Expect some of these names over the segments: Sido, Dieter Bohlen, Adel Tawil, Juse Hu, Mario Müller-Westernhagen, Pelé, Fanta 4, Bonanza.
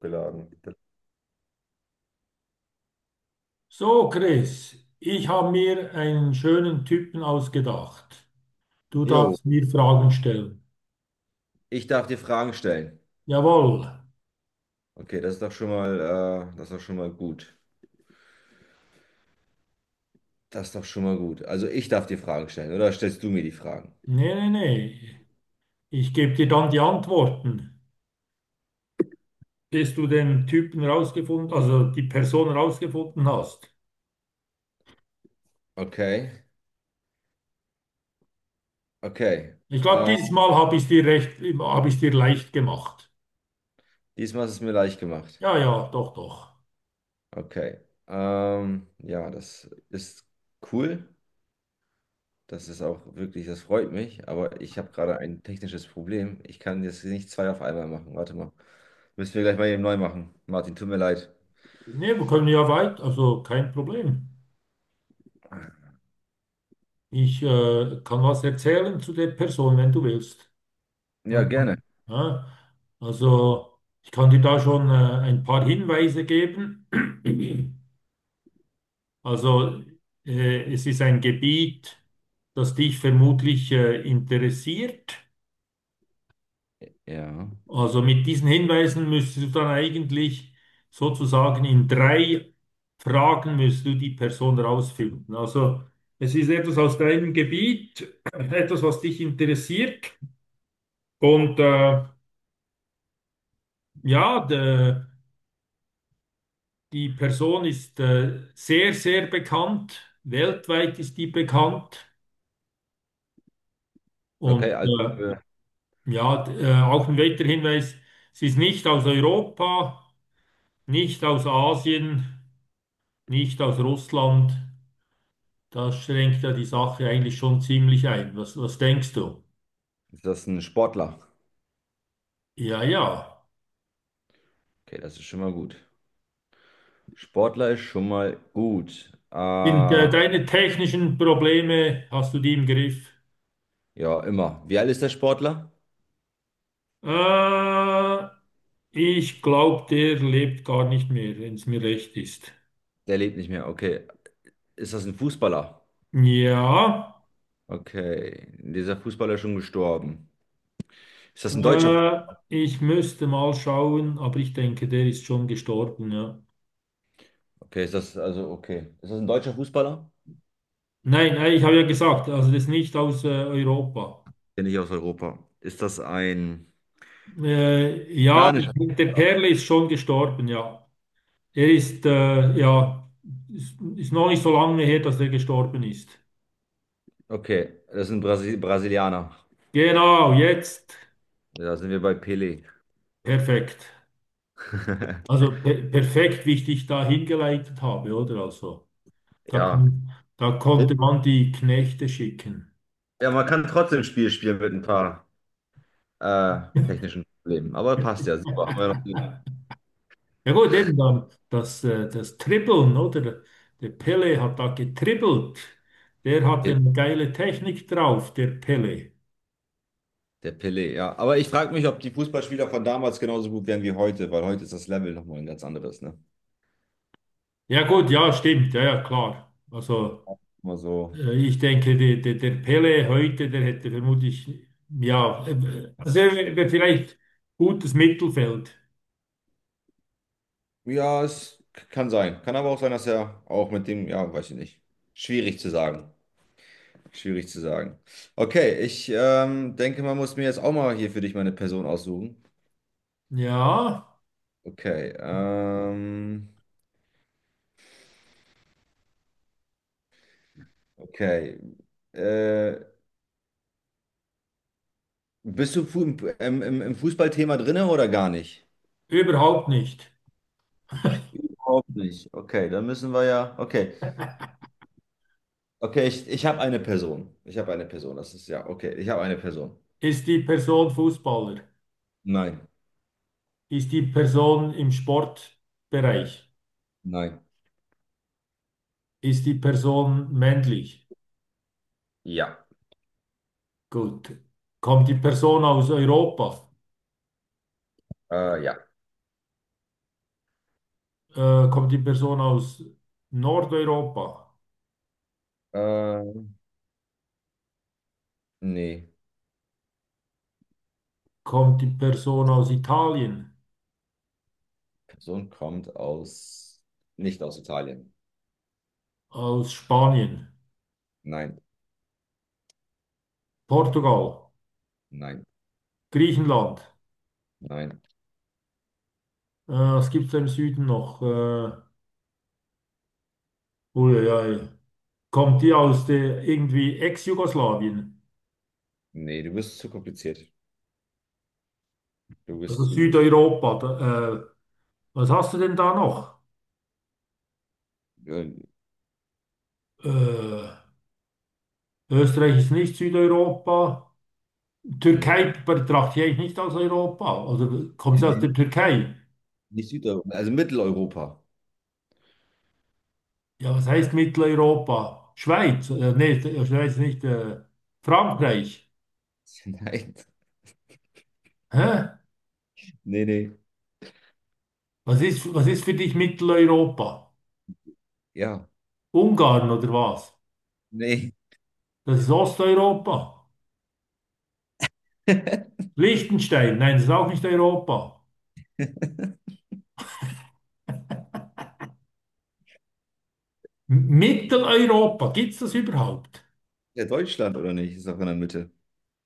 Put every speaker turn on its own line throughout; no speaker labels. Geladen.
So, Chris, ich habe mir einen schönen Typen ausgedacht. Du
Jo,
darfst mir Fragen stellen.
ich darf dir Fragen stellen.
Jawohl.
Okay, das ist doch schon mal, das ist doch schon mal gut. Das ist doch schon mal gut. Also ich darf dir Fragen stellen, oder stellst du mir die Fragen?
Nee, nee, nee. Ich gebe dir dann die Antworten, bis du den Typen rausgefunden, also die Person rausgefunden hast.
Okay, okay.
Ich glaube,
Äh,
dieses Mal habe ich es dir recht, habe ich es dir leicht gemacht.
Diesmal ist es mir leicht gemacht.
Ja, ja, doch, doch.
Okay. Ja, das ist cool. Das ist auch wirklich, das freut mich. Aber ich habe gerade ein technisches Problem. Ich kann jetzt nicht zwei auf einmal machen. Warte mal. Müssen wir gleich mal eben neu machen. Martin, tut mir leid.
Nee, wir können ja weit, also kein Problem. Ich kann was erzählen zu der Person, wenn du willst.
Ja,
Ja,
gerne.
ja. Also ich kann dir da schon ein paar Hinweise geben. Also es ist ein Gebiet, das dich vermutlich interessiert.
Ja.
Also mit diesen Hinweisen müsstest du dann eigentlich sozusagen in drei Fragen müsstest du die Person rausfinden. Also es ist etwas aus deinem Gebiet, etwas, was dich interessiert. Und ja, der die Person ist sehr, sehr bekannt. Weltweit ist die bekannt.
Okay,
Und
äh,
ja, auch ein weiterer Hinweis, sie ist nicht aus Europa, nicht aus Asien, nicht aus Russland. Das schränkt ja die Sache eigentlich schon ziemlich ein. Was, was denkst du?
ist das ein Sportler?
Ja, ja.
Okay, das ist schon mal gut. Sportler ist schon mal gut.
Sind
Ja,
deine technischen Probleme, hast du die im Griff?
immer. Wie alt ist der Sportler?
Äh, ich glaube, der lebt gar nicht mehr, wenn es mir recht ist.
Der lebt nicht mehr. Okay. Ist das ein Fußballer?
Ja.
Okay. Dieser Fußballer ist schon gestorben. Ist das ein deutscher?
Äh, ich müsste mal schauen, aber ich denke, der ist schon gestorben, ja.
Okay, ist das also okay. Ist das ein deutscher Fußballer?
Nein, nein, ich habe ja gesagt, also das ist nicht aus Europa.
Bin ich aus Europa. Ist das ein
Ja,
Janischer?
der Perle ist schon gestorben, ja. Er ist, ja, ist noch nicht so lange her, dass er gestorben ist.
Okay, das ist ein Brasilianer.
Genau, jetzt.
Ja, da sind wir bei Pelé.
Perfekt. Also perfekt, wie ich dich da hingeleitet habe, oder? Also, da,
Ja.
da konnte man die Knechte schicken.
Ja, man kann trotzdem ein Spiel spielen mit ein paar. äh, technischen Problemen. Aber passt ja, super. Haben wir noch den
Ja gut, eben dann das, das Dribbeln, oder? Der Pele hat da getribbelt. Der hat
Pelé.
eine geile Technik drauf, der Pele.
Der Pelé, ja. Aber ich frage mich, ob die Fußballspieler von damals genauso gut wären wie heute, weil heute ist das Level nochmal ein ganz anderes, ne?
Ja gut, ja, stimmt, ja, ja, klar. Also
Immer so.
ich denke, der Pele heute, der hätte vermutlich, ja, also vielleicht gutes Mittelfeld.
Ja, es kann sein. Kann aber auch sein, dass er auch mit dem, ja, weiß ich nicht. Schwierig zu sagen. Schwierig zu sagen. Okay, ich denke, man muss mir jetzt auch mal hier für dich meine Person aussuchen.
Ja,
Okay, okay. Äh, Bist du fu im, im Fußballthema drinne oder gar nicht?
überhaupt nicht.
Überhaupt nicht. Okay, dann müssen wir ja. Okay, okay, ich habe eine Person. Ich habe eine Person. Das ist ja okay. Ich habe eine Person.
Ist die Person Fußballer?
Nein,
Ist die Person im Sportbereich?
nein.
Ist die Person männlich?
Ja,
Gut. Kommt die Person aus Europa?
ja.
Kommt die Person aus Nordeuropa?
Äh, Nee,
Kommt die Person aus Italien?
Person kommt aus. Nicht aus Italien.
Aus Spanien?
Nein,
Portugal?
nein,
Griechenland?
nein.
Was gibt es da im Süden noch? Uiuiui. Kommt die aus der irgendwie Ex-Jugoslawien?
Nee, du bist zu kompliziert. Du bist
Also
zu.
Südeuropa? Da, was hast du denn da noch?
Äh,
Äh, Österreich ist nicht Südeuropa.
Nee,
Türkei betrachte ich eigentlich nicht als Europa. Oder kommst
nee,
du aus der
nee,
Türkei?
nicht Südeuropa. Also Mitteleuropa.
Ja, was heißt Mitteleuropa? Schweiz? Nee, Schweiz nicht. Frankreich?
Nein,
Hä?
nee, nee.
Was ist für dich Mitteleuropa?
Ja,
Ungarn oder was?
nee.
Das ist Osteuropa. Liechtenstein? Nein, das ist auch nicht Europa. M Mitteleuropa? Gibt es das überhaupt?
Ja, Deutschland oder nicht? Ist doch in der Mitte.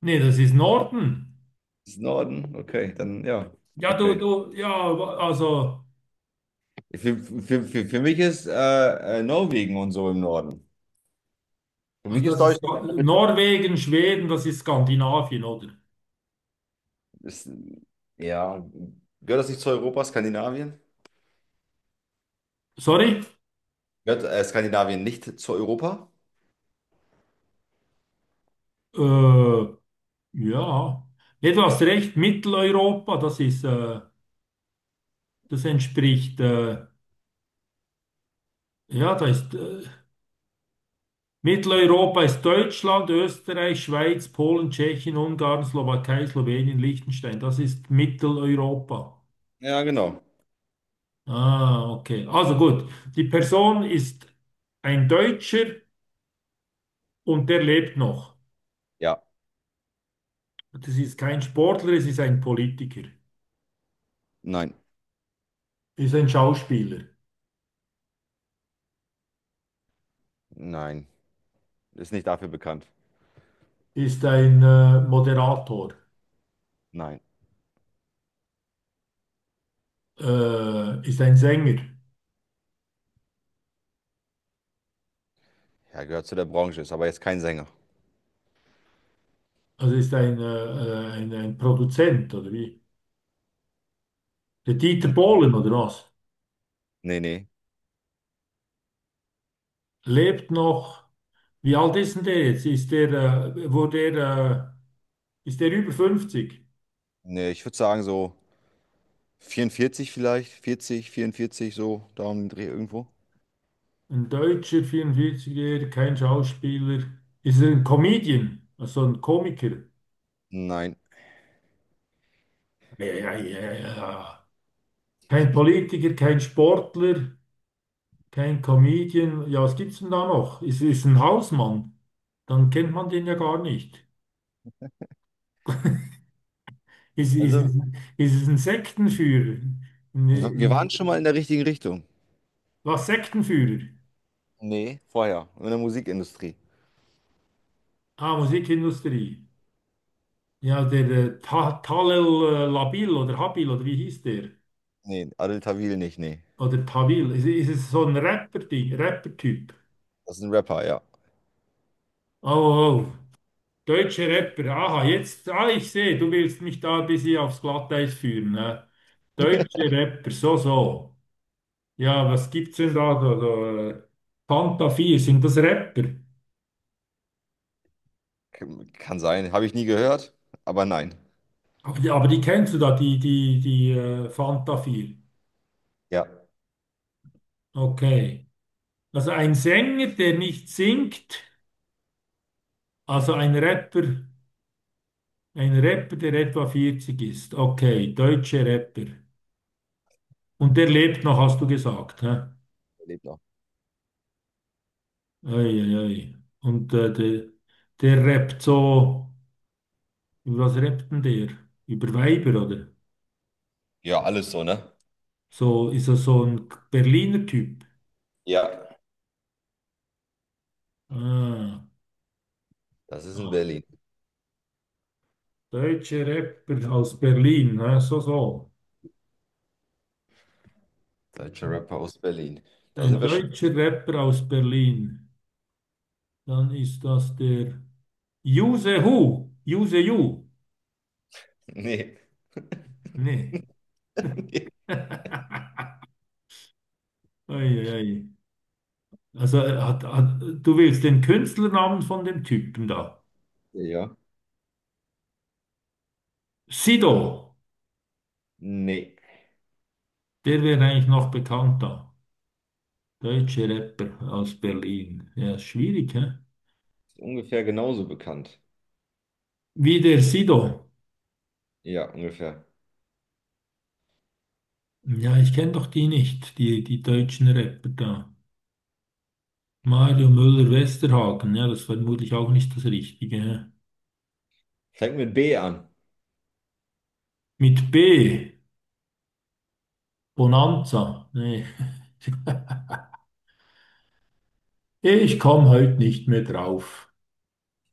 Nee, das ist Norden.
Ist Norden? Okay, dann ja.
Ja, du,
Okay.
du, ja, also,
Für mich ist Norwegen und so im Norden. Für
also
mich ist
das ist
Deutschland.
Norwegen, Schweden, das ist Skandinavien, oder?
Ist, ja, gehört das nicht zu Europa, Skandinavien?
Sorry?
Gehört Skandinavien nicht zu Europa?
Äh, ja. Nee, du hast recht, Mitteleuropa, das ist, das entspricht, ja, da ist, Mitteleuropa ist Deutschland, Österreich, Schweiz, Polen, Tschechien, Ungarn, Slowakei, Slowenien, Liechtenstein. Das ist Mitteleuropa.
Ja, genau.
Ah, okay. Also gut, die Person ist ein Deutscher und der lebt noch.
Ja,
Das ist kein Sportler, es ist ein Politiker,
nein,
ist ein Schauspieler,
nein. Ist nicht dafür bekannt.
ist ein, Moderator.
Nein.
Ist ein Sänger,
Ja, gehört zu der Branche, ist aber jetzt kein Sänger.
also ist ein, ein Produzent oder wie? Der Dieter
Nee,
Bohlen oder was?
nee. Nee,
Lebt noch. Wie alt ist denn der jetzt? Ist der, wo der, ist der über 50?
nee, ich würde sagen so 44 vielleicht, 40, 44 so da um den Dreh irgendwo.
Ein Deutscher, 44-Jähriger, kein Schauspieler. Ist er ein Comedian, also so ein Komiker?
Nein.
Ja, ja, ja, ja. Kein Politiker, kein Sportler, kein Comedian. Ja, was gibt's denn da noch? Ist ein Hausmann? Dann kennt man den ja gar nicht. Ist,
Also,
ist, ist es ein Sektenführer?
wir
Ein,
waren schon mal in der richtigen Richtung.
was Sektenführer?
Ne? Vorher, in der Musikindustrie.
Ah, Musikindustrie. Ja, der Ta Talel Labil oder Habil oder wie hieß der?
Ne, Adel Tawil nicht, ne.
Oder Tawil. Ist es so ein Rapper-Ding, Rapper-Typ?
Das ist ein Rapper, ja.
Oh, oh, oh. Deutsche Rapper. Aha, jetzt, ah, ich sehe, du willst mich da ein bisschen aufs Glatteis führen. Ne? Deutsche Rapper, so, so. Ja, was gibt's denn da? So, so, äh, Fanta 4, sind das Rapper?
K kann sein, habe ich nie gehört, aber nein.
Aber die kennst du da, die, die, die Fanta 4.
Ja.
Okay. Also ein Sänger, der nicht singt, also ein Rapper, der etwa 40 ist. Okay, deutsche Rapper. Und der lebt noch, hast du gesagt. Hä? Ei,
Der lebt noch.
ei, ei. Und der, der rappt so, über was rappt denn der? Über Weiber, oder?
Ja, alles so, ne?
So ist er so ein Berliner Typ.
Ja.
Ah,
Das ist in
ah,
Berlin.
deutsche Rapper aus Berlin, hä? So, so.
Deutscher Rapper aus Berlin. Da
Ein
sind wir schon
deutscher Rapper aus Berlin. Dann ist das der Juse Hu. Juse Ju.
ne.
Nee. Eieiei. Also hat, hat, du willst den Künstlernamen von dem Typen da.
Ja.
Sido.
Ne.
Der wäre eigentlich noch bekannter. Deutscher Rapper aus Berlin. Ja, ist schwierig, hä?
Ungefähr genauso bekannt.
Wie der Sido.
Ja, ungefähr.
Ja, ich kenne doch die nicht, die, die deutschen Rapper da. Mario Müller-Westernhagen. Ja, das war vermutlich auch nicht das Richtige, hä?
Fängt mit B an.
Mit B, Bonanza. Nee. Ich komme heute nicht mehr drauf.